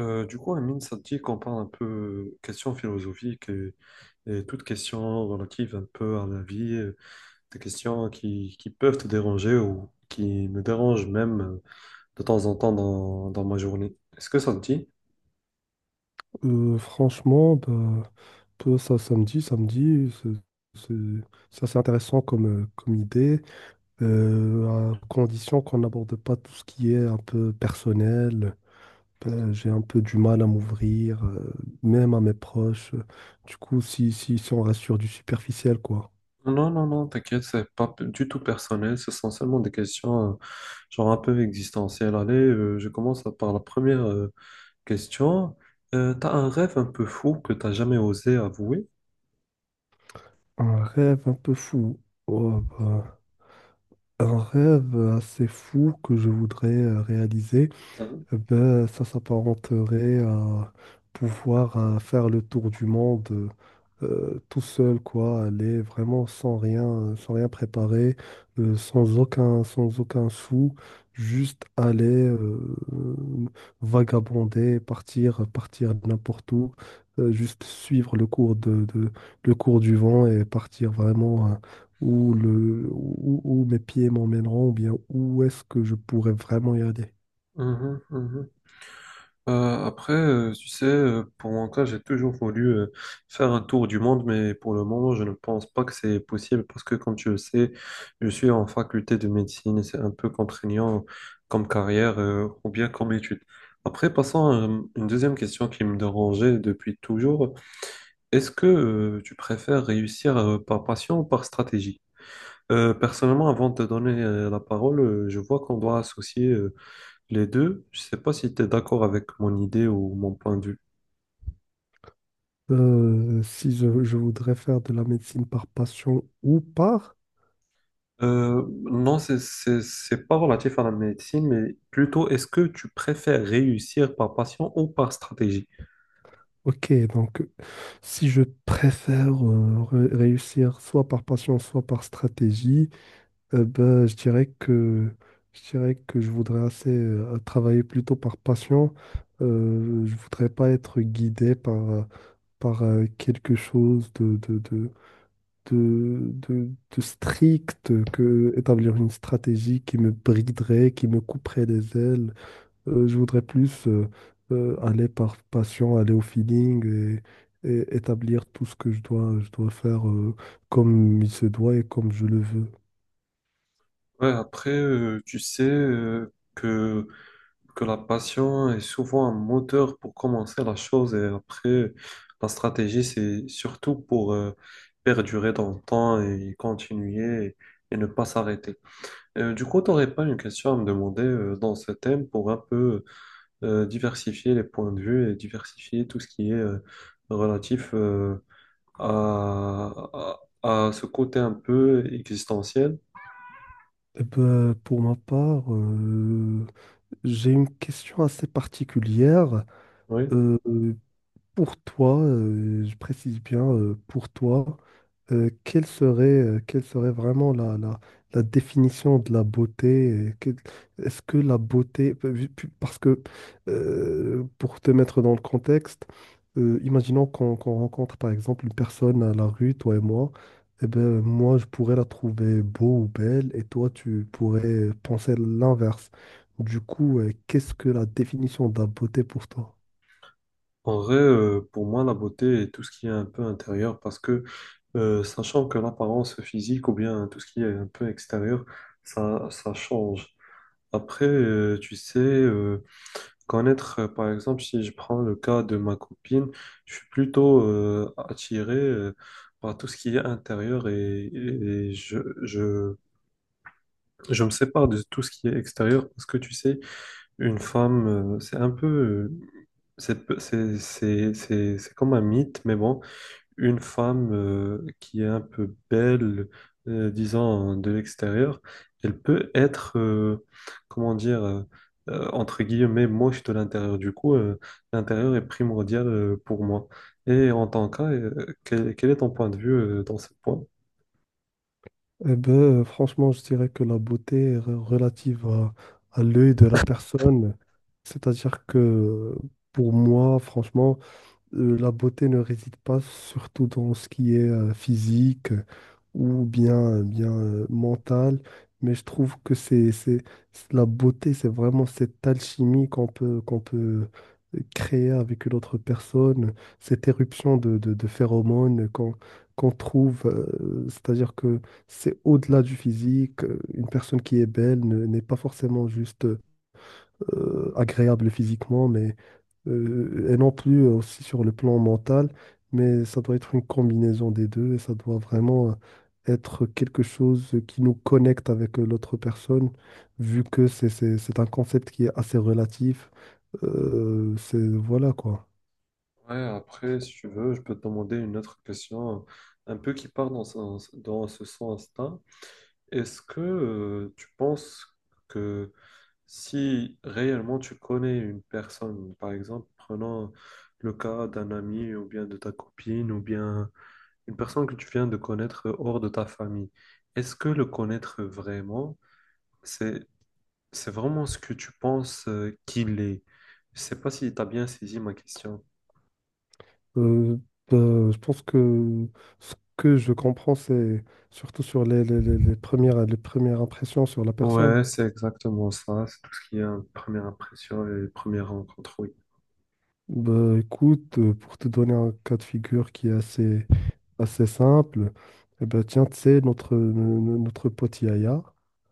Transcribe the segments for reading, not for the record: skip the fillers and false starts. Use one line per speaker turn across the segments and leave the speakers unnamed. Amine, ça te dit qu'on parle un peu questions philosophiques et toutes questions relatives un peu à la vie, des questions qui peuvent te déranger ou qui me dérangent même de temps en temps dans ma journée. Est-ce que ça te dit?
Franchement, bah, peu ça, samedi, samedi, c'est- c'est assez intéressant comme, comme idée, à condition qu'on n'aborde pas tout ce qui est un peu personnel. Ben, j'ai un peu du mal à m'ouvrir, même à mes proches. Du coup, si on reste sur du superficiel, quoi.
Non, non, non, t'inquiète, c'est pas du tout personnel, ce sont seulement des questions genre un peu existentielles. Allez, je commence par la première question. T'as un rêve un peu fou que t'as jamais osé avouer?
Un rêve un peu fou. Oh, bah, un rêve assez fou que je voudrais réaliser.
Mhm.
Eh ben, ça s'apparenterait à pouvoir faire le tour du monde tout seul, quoi, aller vraiment sans rien, sans rien préparer, sans aucun, sans aucun sou, juste aller vagabonder, partir, partir n'importe où, juste suivre le le cours du vent et partir vraiment où le, où, où mes pieds m'emmèneront, ou bien où est-ce que je pourrais vraiment y aller.
Mhm, mhm. Tu sais, pour mon cas, j'ai toujours voulu faire un tour du monde, mais pour le moment, je ne pense pas que c'est possible parce que, comme tu le sais, je suis en faculté de médecine et c'est un peu contraignant comme carrière ou bien comme étude. Après, passons à une deuxième question qui me dérangeait depuis toujours. Est-ce que tu préfères réussir par passion ou par stratégie? Personnellement, avant de te donner la parole, je vois qu'on doit associer les deux, je sais pas si tu es d'accord avec mon idée ou mon point de vue.
Si je voudrais faire de la médecine par passion ou par...
Non, c'est pas relatif à la médecine, mais plutôt est-ce que tu préfères réussir par passion ou par stratégie?
Ok, donc si je préfère réussir soit par passion, soit par stratégie, ben, je dirais que je voudrais assez travailler plutôt par passion. Je voudrais pas être guidé par quelque chose de, de- de strict, que établir une stratégie qui me briderait, qui me couperait les ailes. Je voudrais plus aller par passion, aller au feeling et établir tout ce que je dois faire comme il se doit et comme je le veux.
Ouais, après, tu sais que, que la passion est souvent un moteur pour commencer la chose et après, la stratégie, c'est surtout pour perdurer dans le temps et continuer et ne pas s'arrêter. Tu n'aurais pas une question à me demander dans ce thème pour un peu diversifier les points de vue et diversifier tout ce qui est relatif à ce côté un peu existentiel.
Eh ben, pour ma part, j'ai une question assez particulière.
Oui.
Euh, pour toi, je précise bien, pour toi, quelle serait vraiment la définition de la beauté? Est-ce que la beauté, pa- vu- pu- parce que pour te mettre dans le contexte, imaginons qu'on rencontre par exemple une personne à la rue, toi et moi, et ben moi je pourrais la trouver beau ou belle, et toi tu pourrais penser l'inverse. Du coup, qu'est-ce que la définition de la beauté pour toi?
En vrai, pour moi, la beauté est tout ce qui est un peu intérieur parce que sachant que l'apparence physique ou bien tout ce qui est un peu extérieur, ça change. Après, tu sais, connaître, par exemple, si je prends le cas de ma copine, je suis plutôt attiré par tout ce qui est intérieur et, je me sépare de tout ce qui est extérieur parce que tu sais, une femme, c'est un peu, c'est comme un mythe, mais bon, une femme qui est un peu belle, disons, de l'extérieur, elle peut être, comment dire, entre guillemets, moche de l'intérieur. L'intérieur est primordial pour moi. Et en tant que quel est ton point de vue dans ce point?
Eh ben, franchement, je dirais que la beauté est relative à l'œil de la personne. C'est-à-dire que pour moi, franchement, la beauté ne réside pas surtout dans ce qui est physique ou bien, bien mental, mais je trouve que la beauté, c'est vraiment cette alchimie qu'on peut créer avec une autre personne, cette éruption de phéromones qu'on trouve, c'est-à-dire que c'est au-delà du physique, une personne qui est belle n'est pas forcément juste agréable physiquement, mais et non plus aussi sur le plan mental, mais ça doit être une combinaison des deux et ça doit vraiment être quelque chose qui nous connecte avec l'autre personne, vu que c'est un concept qui est assez relatif. C'est voilà quoi.
Ouais, après, si tu veux, je peux te demander une autre question un peu qui part dans ce sens-là. Est-ce que tu penses que si réellement tu connais une personne, par exemple, prenons le cas d'un ami ou bien de ta copine ou bien une personne que tu viens de connaître hors de ta famille, est-ce que le connaître vraiment, c'est c'est vraiment ce que tu penses qu'il est? Je sais pas si tu as bien saisi ma question.
Euh, ben, je pense que ce que je comprends, c'est surtout sur les premières impressions sur la personne.
Ouais, c'est exactement ça. C'est tout ce qui est première impression et première rencontre, oui.
Ben, écoute, pour te donner un cas de figure qui est assez simple. Eh ben, tiens, tu sais, notre, no- no- notre pote Yaya,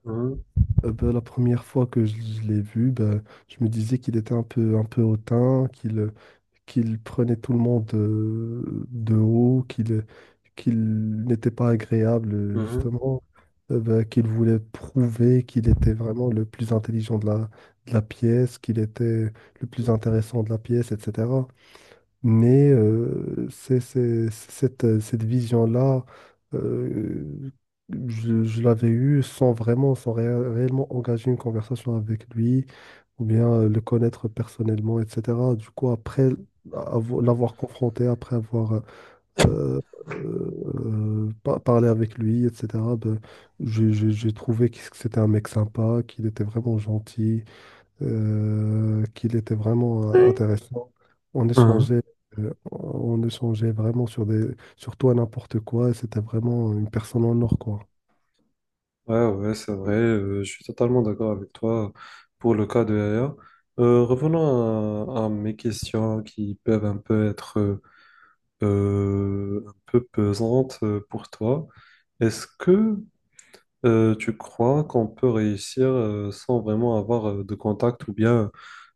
Mhm,
eh ben, la première fois que je l'ai vu, ben, je me disais qu'il était un peu hautain, qu'il prenait tout le monde de haut, qu'il n'était pas agréable,
mhm,
justement, eh ben, qu'il voulait prouver qu'il était vraiment le plus intelligent de la pièce, qu'il était le plus intéressant de la pièce, etc. Mais c'est cette, cette vision-là, euh, je l'avais eue sans vraiment, sans réellement engager une conversation avec lui, ou bien le connaître personnellement, etc. Du coup, après
ouais.
l'avoir confronté, après avoir euh, parlé avec lui, etc., ben, j'ai trouvé que c'était un mec sympa, qu'il était vraiment gentil qu'il était vraiment
Ouais.
intéressant. On
Mhm.
échangeait, on échangeait vraiment sur sur tout et n'importe quoi. Et c'était vraiment une personne en or, quoi.
Ouais, ouais, c'est vrai, je suis totalement d'accord avec toi pour le cas de Yaya. Revenons à mes questions qui peuvent un peu être un peu pesantes pour toi. Est-ce que tu crois qu'on peut réussir sans vraiment avoir de contact ou bien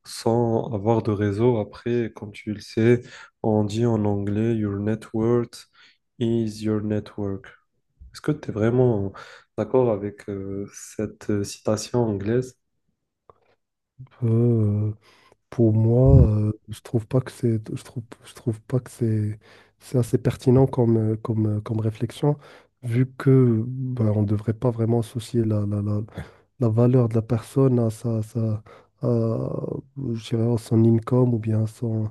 sans avoir de réseau? Après, comme tu le sais, on dit en anglais, your network is your network. Est-ce que tu es vraiment d'accord avec cette citation anglaise?
Euh, pour moi, je trouve pas que c'est assez pertinent comme, comme réflexion, vu que ben, on ne devrait pas vraiment associer la valeur de la personne à, sa, sa, à, je dirais, à son income ou bien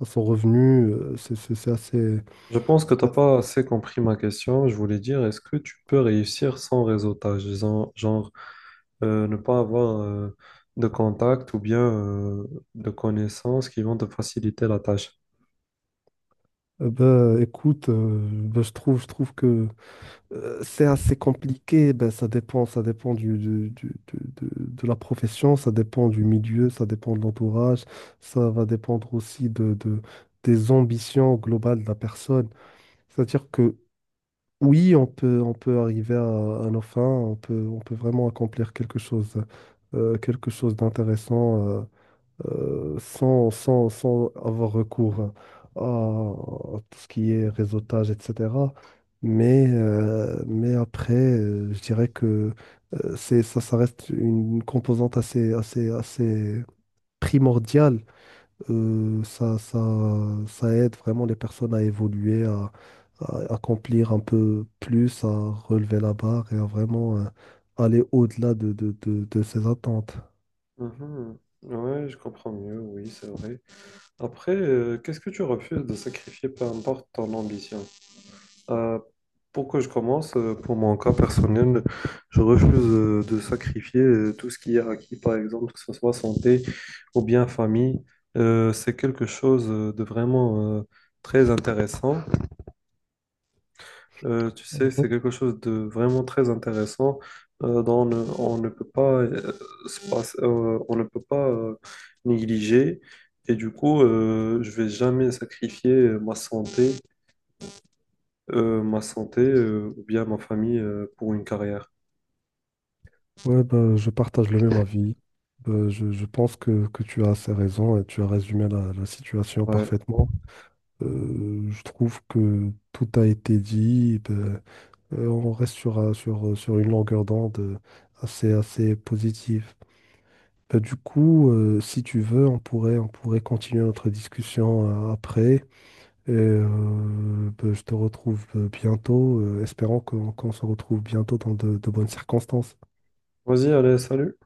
à son revenu. C'est c'est assez.
Je pense que tu
c'est
n'as
assez-
pas assez compris ma question. Je voulais dire, est-ce que tu peux réussir sans réseautage? Ne pas avoir de contact ou bien de connaissances qui vont te faciliter la tâche.
Ben, écoute, ben, je trouve que c'est assez compliqué. Ben, ça dépend de la profession, ça dépend du milieu, ça dépend de l'entourage, ça va dépendre aussi des ambitions globales de la personne. C'est-à-dire que oui, on peut arriver à nos fins, on peut vraiment accomplir quelque chose d'intéressant sans avoir recours à tout ce qui est réseautage, etc. Mais après, je dirais que ça reste une composante assez primordiale. Euh, ça, ça, ça aide vraiment les personnes à évoluer, à accomplir un peu plus, à relever la barre et à vraiment aller au-delà de ses attentes.
Mhm. Ouais, je comprends mieux, oui, c'est vrai. Après, qu'est-ce que tu refuses de sacrifier, peu importe ton ambition? Euh, pour que je commence, pour mon cas personnel, je refuse de sacrifier tout ce qui est acquis, par exemple, que ce soit santé ou bien famille. C'est quelque chose de vraiment très intéressant. Tu sais,
Mhm.
c'est quelque chose de vraiment très intéressant dont on ne peut pas, on ne peut pas négliger. Et je vais jamais sacrifier ma santé ou bien ma famille pour une carrière.
Ouais, bah je partage le même avis. Ben, je pense que tu as assez raison et tu as résumé la, la situation
Ouais.
parfaitement. Je trouve que tout a été dit. Ben, on reste sur, sur, sur une longueur d'onde assez positive. Ben, du coup, si tu veux, on pourrait continuer notre discussion après. Et ben, je te retrouve bientôt, espérant qu'on se retrouve bientôt dans de bonnes circonstances.
Vas-y, allez, salut.